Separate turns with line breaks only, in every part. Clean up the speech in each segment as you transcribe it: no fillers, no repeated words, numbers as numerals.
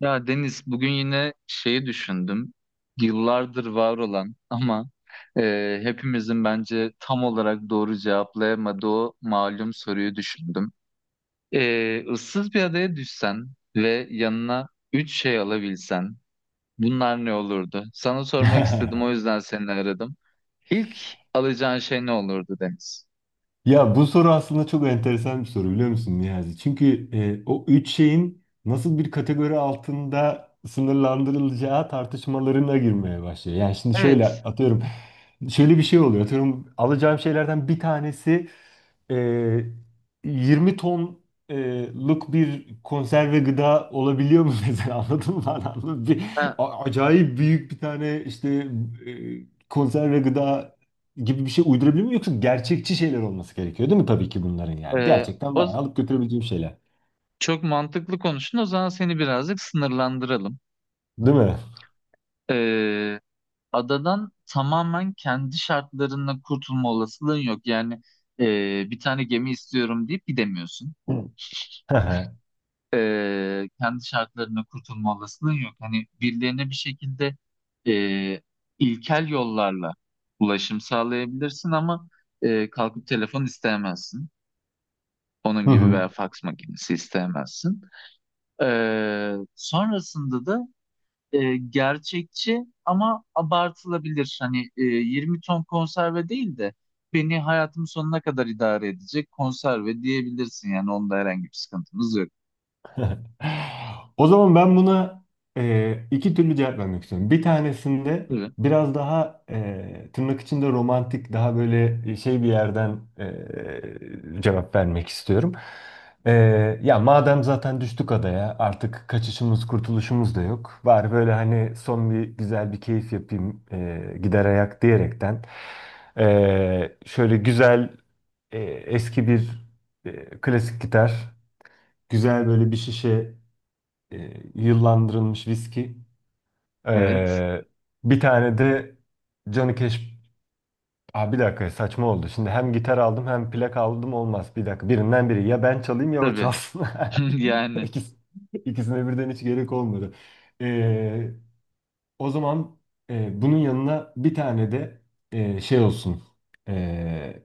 Ya Deniz, bugün yine şeyi düşündüm. Yıllardır var olan ama hepimizin bence tam olarak doğru cevaplayamadığı o malum soruyu düşündüm. Issız bir adaya düşsen ve yanına üç şey alabilsen bunlar ne olurdu? Sana sormak istedim, o yüzden seni aradım. İlk alacağın şey ne olurdu Deniz?
Ya bu soru aslında çok enteresan bir soru biliyor musun Niyazi? Çünkü o üç şeyin nasıl bir kategori altında sınırlandırılacağı tartışmalarına girmeye başlıyor. Yani şimdi şöyle
Evet.
atıyorum, şöyle bir şey oluyor. Atıyorum alacağım şeylerden bir tanesi e, 20 tonluk bir konserve gıda olabiliyor mu mesela anladın mı? Anladın mı? Bir,
Ha,
acayip büyük bir tane işte konserve gıda gibi bir şey uydurabilir miyim yoksa gerçekçi şeyler olması gerekiyor değil mi tabii ki bunların yani.
e,
Gerçekten
o,
bayağı alıp götürebileceğim şeyler.
Çok mantıklı konuştun. O zaman seni birazcık sınırlandıralım.
Değil mi?
Adadan tamamen kendi şartlarında kurtulma olasılığın yok. Yani bir tane gemi istiyorum deyip gidemiyorsun.
Hı hı. Hı hı.
Kendi şartlarında kurtulma olasılığın yok. Hani birilerine bir şekilde e, ilkel yollarla ulaşım sağlayabilirsin ama kalkıp telefon isteyemezsin. Onun gibi
Hı.
veya faks makinesi isteyemezsin. E, sonrasında da gerçekçi ama abartılabilir. Hani 20 ton konserve değil de beni hayatım sonuna kadar idare edecek konserve diyebilirsin. Yani onda herhangi bir sıkıntımız yok.
O zaman ben buna iki türlü cevap vermek istiyorum. Bir tanesinde
Tabii.
biraz daha tırnak içinde romantik, daha böyle şey bir yerden cevap vermek istiyorum. E, Ya madem zaten düştük adaya, artık kaçışımız, kurtuluşumuz da yok. Bari böyle hani son bir güzel bir keyif yapayım, gider ayak diyerekten. Şöyle güzel eski bir klasik gitar, güzel böyle bir şişe yıllandırılmış viski.
Evet.
Ee, Bir tane de Johnny Cash. Aa, bir dakika saçma oldu. Şimdi hem gitar aldım hem plak aldım olmaz. Bir dakika birinden biri. Ya ben çalayım ya o
Tabii.
çalsın.
Yani.
İkisi, ikisine birden hiç gerek olmadı. Ee, O zaman bunun yanına bir tane de şey olsun. E,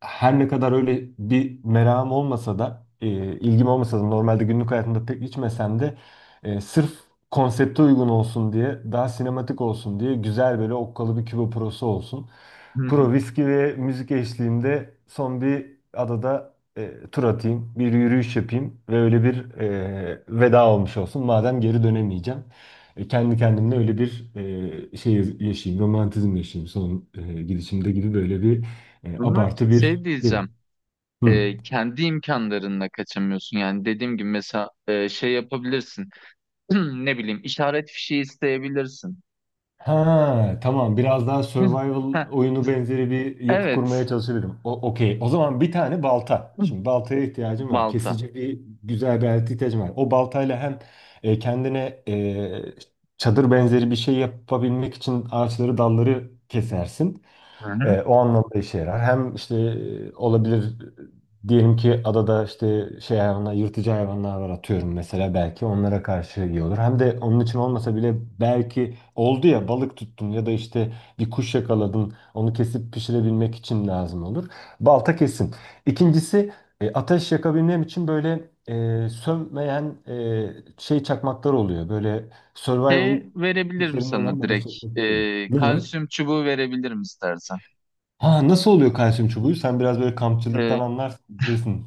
Her ne kadar öyle bir merakım olmasa da, ilgim olmasa da normalde günlük hayatımda pek içmesem de sırf konsepte uygun olsun diye, daha sinematik olsun diye güzel böyle okkalı bir Küba Pro'su olsun. Pro viski ve müzik eşliğinde son bir adada tur atayım, bir yürüyüş yapayım ve öyle bir veda olmuş olsun. Madem geri dönemeyeceğim. Kendi kendimle öyle bir şey yaşayayım, romantizm yaşayayım son gidişimde gibi böyle bir
Ama
abartı
şey
bir şey.
diyeceğim.
Hı.
Kendi imkanlarınla kaçamıyorsun. Yani dediğim gibi, mesela şey yapabilirsin. Ne bileyim, işaret fişi isteyebilirsin.
Ha tamam biraz daha survival
Heh,
oyunu benzeri bir yapı kurmaya
evet.
çalışabilirim. Okey. O zaman bir tane balta. Şimdi baltaya ihtiyacım var.
Balta.
Kesici bir güzel bir alete ihtiyacım var. O baltayla hem kendine çadır benzeri bir şey yapabilmek için ağaçları dalları kesersin.
Hı hı.
O anlamda işe yarar. Hem işte olabilir diyelim ki adada işte şey hayvanlar, yırtıcı hayvanlar var atıyorum mesela belki onlara karşı iyi olur. Hem de onun için olmasa bile belki oldu ya balık tuttun ya da işte bir kuş yakaladın onu kesip pişirebilmek için lazım olur. Balta kesin. İkincisi ateş yakabilmem için böyle sönmeyen şey çakmaklar oluyor. Böyle survival
Şey verebilirim
kitlerinde
sana
olan bazı
direkt.
çakmaklar oluyor. Ne o?
Kalsiyum çubuğu verebilirim istersen.
Ha nasıl oluyor kalsiyum çubuğu? Sen biraz böyle kampçılıktan
Ee,
anlarsın bilirsin.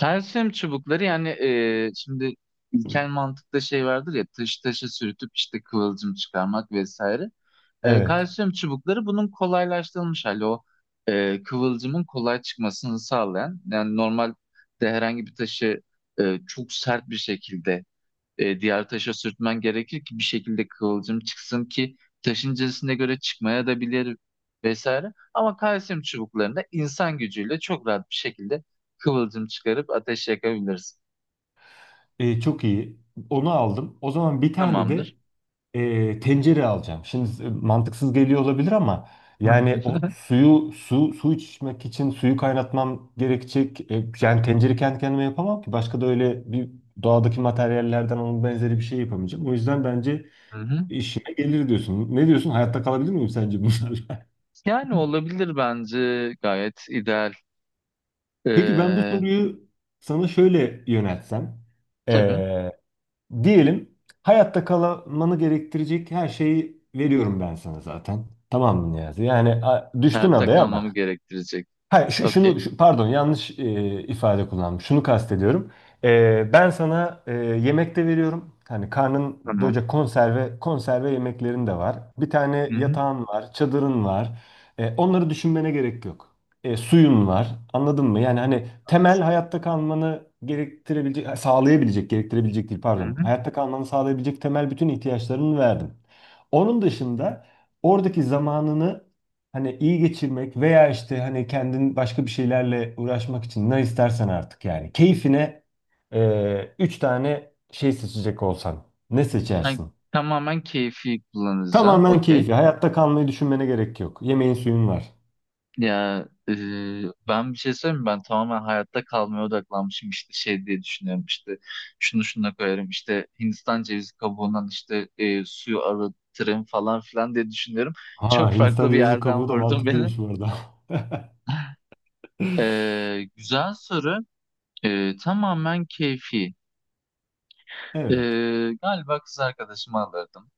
kalsiyum çubukları yani, şimdi ilkel mantıkta şey vardır ya, taş taşı sürtüp işte kıvılcım çıkarmak vesaire.
Evet.
Kalsiyum çubukları bunun kolaylaştırılmış hali, o kıvılcımın kolay çıkmasını sağlayan. Yani normalde herhangi bir taşı çok sert bir şekilde diğer taşa sürtmen gerekir ki bir şekilde kıvılcım çıksın, ki taşın cinsine göre çıkmaya da bilir vesaire. Ama kalsiyum çubuklarında insan gücüyle çok rahat bir şekilde kıvılcım çıkarıp ateş yakabiliriz.
Çok iyi. Onu aldım. O zaman bir tane
Tamamdır.
de tencere alacağım. Şimdi mantıksız geliyor olabilir ama yani o suyu su içmek için suyu kaynatmam gerekecek. Yani tencere kendi kendime yapamam ki. Başka da öyle bir doğadaki materyallerden onun benzeri bir şey yapamayacağım. O yüzden bence
Hı hı.
işime gelir diyorsun. Ne diyorsun? Hayatta kalabilir miyim sence bunlarla?
Yani olabilir, bence gayet ideal.
Peki ben bu
Ee,
soruyu sana şöyle yöneltsem.
tabii,
Ee, Diyelim hayatta kalmanı gerektirecek her şeyi veriyorum ben sana zaten. Tamam mı Niyazi? Yani düştün
hayatta
adaya
kalmamı
ama
gerektirecek.
hayır, şu- şunu
Okey.
şu- pardon yanlış ifade kullandım. Şunu kastediyorum. Ben sana yemek de veriyorum. Hani karnın
Tamam.
doyacak konserve yemeklerin de var. Bir tane
Hı hı.
yatağın var, çadırın var. Onları düşünmene gerek yok. Suyun var. Anladın mı? Yani hani temel hayatta kalmanı gerektirebilecek, ha, sağlayabilecek, gerektirebilecek değil
Hı
pardon.
hı.
Hayatta kalmanı sağlayabilecek temel bütün ihtiyaçlarını verdim. Onun dışında oradaki zamanını hani iyi geçirmek veya işte hani kendin başka bir şeylerle uğraşmak için ne istersen artık yani. Keyfine üç tane şey seçecek olsan ne
Ben
seçersin?
tamamen keyfi kullanacağım.
Tamamen
Okey.
keyfi. Hayatta kalmayı düşünmene gerek yok. Yemeğin suyun var.
Ya ben bir şey söyleyeyim mi? Ben tamamen hayatta kalmaya odaklanmışım, işte şey diye düşünüyorum, işte şunu şuna koyarım, işte Hindistan cevizi kabuğundan işte suyu arıtırım falan filan diye düşünüyorum. Çok
Ha Hindistan
farklı bir
cevizi
yerden
kabuğu da
vurdun beni.
mantıklıymış bu arada.
Güzel soru. Tamamen keyfi. E,
Evet.
Galiba kız arkadaşımı alırdım.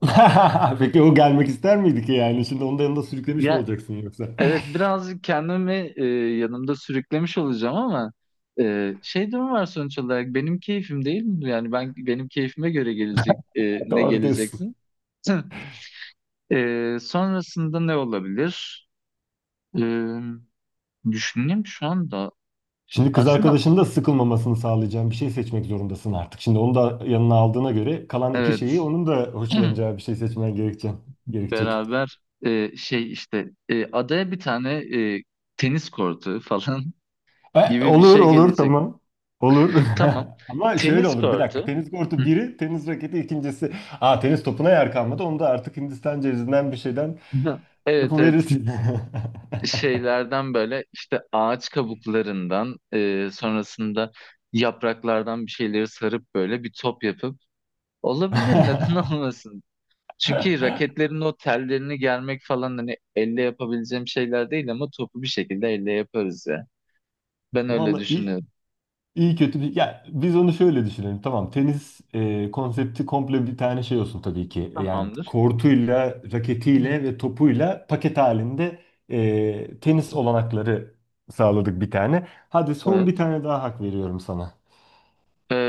Peki o gelmek ister miydi ki yani? Şimdi onun yanında sürüklemiş mi
Ya
olacaksın yoksa?
evet, birazcık kendimi yanımda sürüklemiş olacağım ama şey durum var, sonuç olarak benim keyfim değil mi? Yani ben, benim keyfime göre gelecek. Ne
Doğru diyorsun.
geleceksin? Sonrasında ne olabilir? E, Düşüneyim şu anda.
Şimdi kız
Aslında
arkadaşının da sıkılmamasını sağlayacağın bir şey seçmek zorundasın artık. Şimdi onu da yanına aldığına göre kalan iki
evet,
şeyi onun da hoşlanacağı bir şey seçmen gerekecek. Gerekecek.
beraber adaya bir tane e, tenis kortu falan gibi bir
Olur
şey
olur
gelecek.
tamam. Olur.
Tamam.
Ama şöyle
Tenis
olur bir dakika.
kortu.
Tenis kortu
Hı.
biri, tenis raketi ikincisi. Aa tenis topuna yer kalmadı. Onu da artık Hindistan cevizinden bir şeyden
Evet, evet,
yapıverirsin.
şeylerden böyle, işte ağaç kabuklarından sonrasında yapraklardan bir şeyleri sarıp böyle bir top yapıp olabilir, neden olmasın? Çünkü raketlerin o tellerini germek falan hani elle yapabileceğim şeyler değil, ama topu bir şekilde elle yaparız ya. Ben öyle
Vallahi iyi.
düşünüyorum.
İyi kötü bir... Ya biz onu şöyle düşünelim. Tamam tenis konsepti komple bir tane şey olsun tabii ki. Yani
Tamamdır.
kortuyla,
Hı.
raketiyle ve topuyla paket halinde tenis olanakları sağladık bir tane. Hadi son bir
Evet.
tane daha hak veriyorum sana.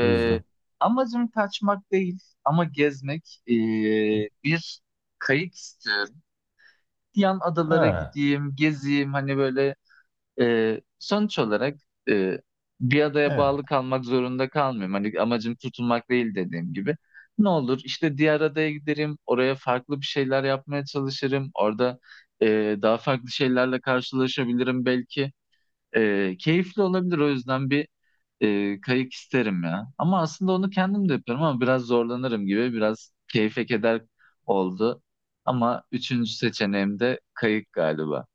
O yüzden.
Amacım kaçmak değil ama gezmek. Bir kayık istiyorum. Yan adalara
Ha,
gideyim, gezeyim hani böyle. Sonuç olarak e, bir adaya
evet.
bağlı kalmak zorunda kalmıyorum. Hani amacım tutunmak değil, dediğim gibi. Ne olur işte, diğer adaya giderim, oraya farklı bir şeyler yapmaya çalışırım. Orada daha farklı şeylerle karşılaşabilirim belki. Keyifli olabilir, o yüzden bir kayık isterim ya. Ama aslında onu kendim de yapıyorum, ama biraz zorlanırım gibi. Biraz keyfe keder oldu. Ama üçüncü seçeneğim de kayık galiba.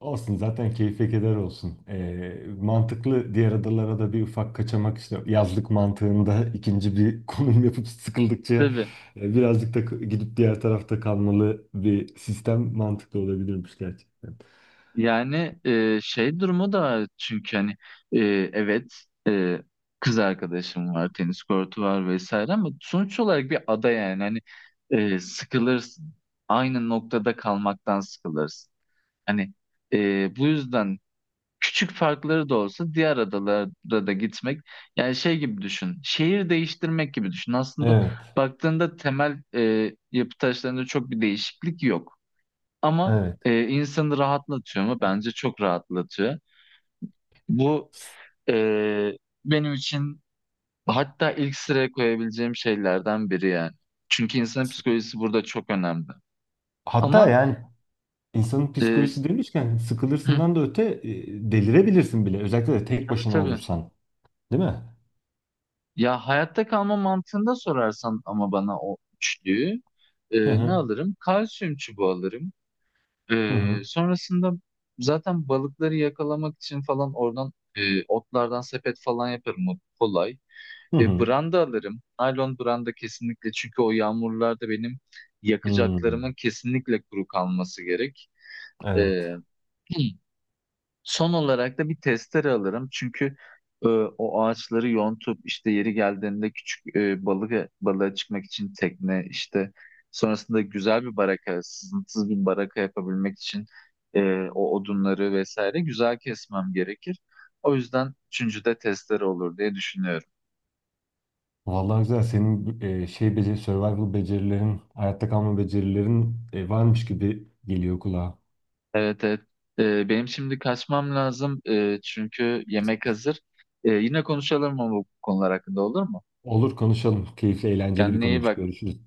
Olsun zaten keyfe keder olsun. Mantıklı diğer adalara da bir ufak kaçamak işte yazlık mantığında ikinci bir konum yapıp sıkıldıkça
Tabii.
birazcık da gidip diğer tarafta kalmalı bir sistem mantıklı olabilirmiş gerçekten.
Yani şey durumu da, çünkü hani e, evet, e, kız arkadaşım var, tenis kortu var vesaire, ama sonuç olarak bir ada. Yani hani sıkılırsın. Aynı noktada kalmaktan sıkılırsın. Hani bu yüzden küçük farkları da olsa diğer adalara da gitmek, yani şey gibi düşün. Şehir değiştirmek gibi düşün. Aslında
Evet,
baktığında temel yapı taşlarında çok bir değişiklik yok. Ama
evet.
insanı rahatlatıyor mu? Bence çok rahatlatıyor. Bu
S-
e, benim için hatta ilk sıraya koyabileceğim şeylerden biri yani. Çünkü insanın
s-
psikolojisi burada çok önemli.
Hatta
Ama
yani insanın
e,
psikolojisi demişken
hı,
sıkılırsından da öte delirebilirsin bile. Özellikle de tek
tabii
başına
tabii.
olursan, değil mi?
Ya hayatta kalma mantığında sorarsan ama bana, o üçlüyü e,
Hı
ne
hı.
alırım? Kalsiyum çubuğu alırım.
Hı hı.
Sonrasında zaten balıkları yakalamak için falan oradan otlardan sepet falan yaparım. O kolay.
Hı hı.
Branda alırım. Naylon branda, kesinlikle, çünkü o yağmurlarda benim
Hmm,
yakacaklarımın kesinlikle kuru kalması gerek. E,
evet.
Son olarak da bir testere alırım, çünkü o ağaçları yontup, işte yeri geldiğinde küçük e, balık balığa çıkmak için tekne, işte sonrasında güzel bir baraka, sızıntısız bir baraka yapabilmek için e, o odunları vesaire güzel kesmem gerekir. O yüzden üçüncü de testere olur diye düşünüyorum.
Vallahi güzel. Senin beceri, survival becerilerin, hayatta kalma becerilerin varmış gibi geliyor kulağa.
Evet, evet. Benim şimdi kaçmam lazım. Çünkü yemek hazır. Yine konuşalım mı bu konular hakkında, olur mu?
Olur konuşalım. Keyifli, eğlenceli bir
Kendine iyi
konuymuş.
bak.
Görüşürüz.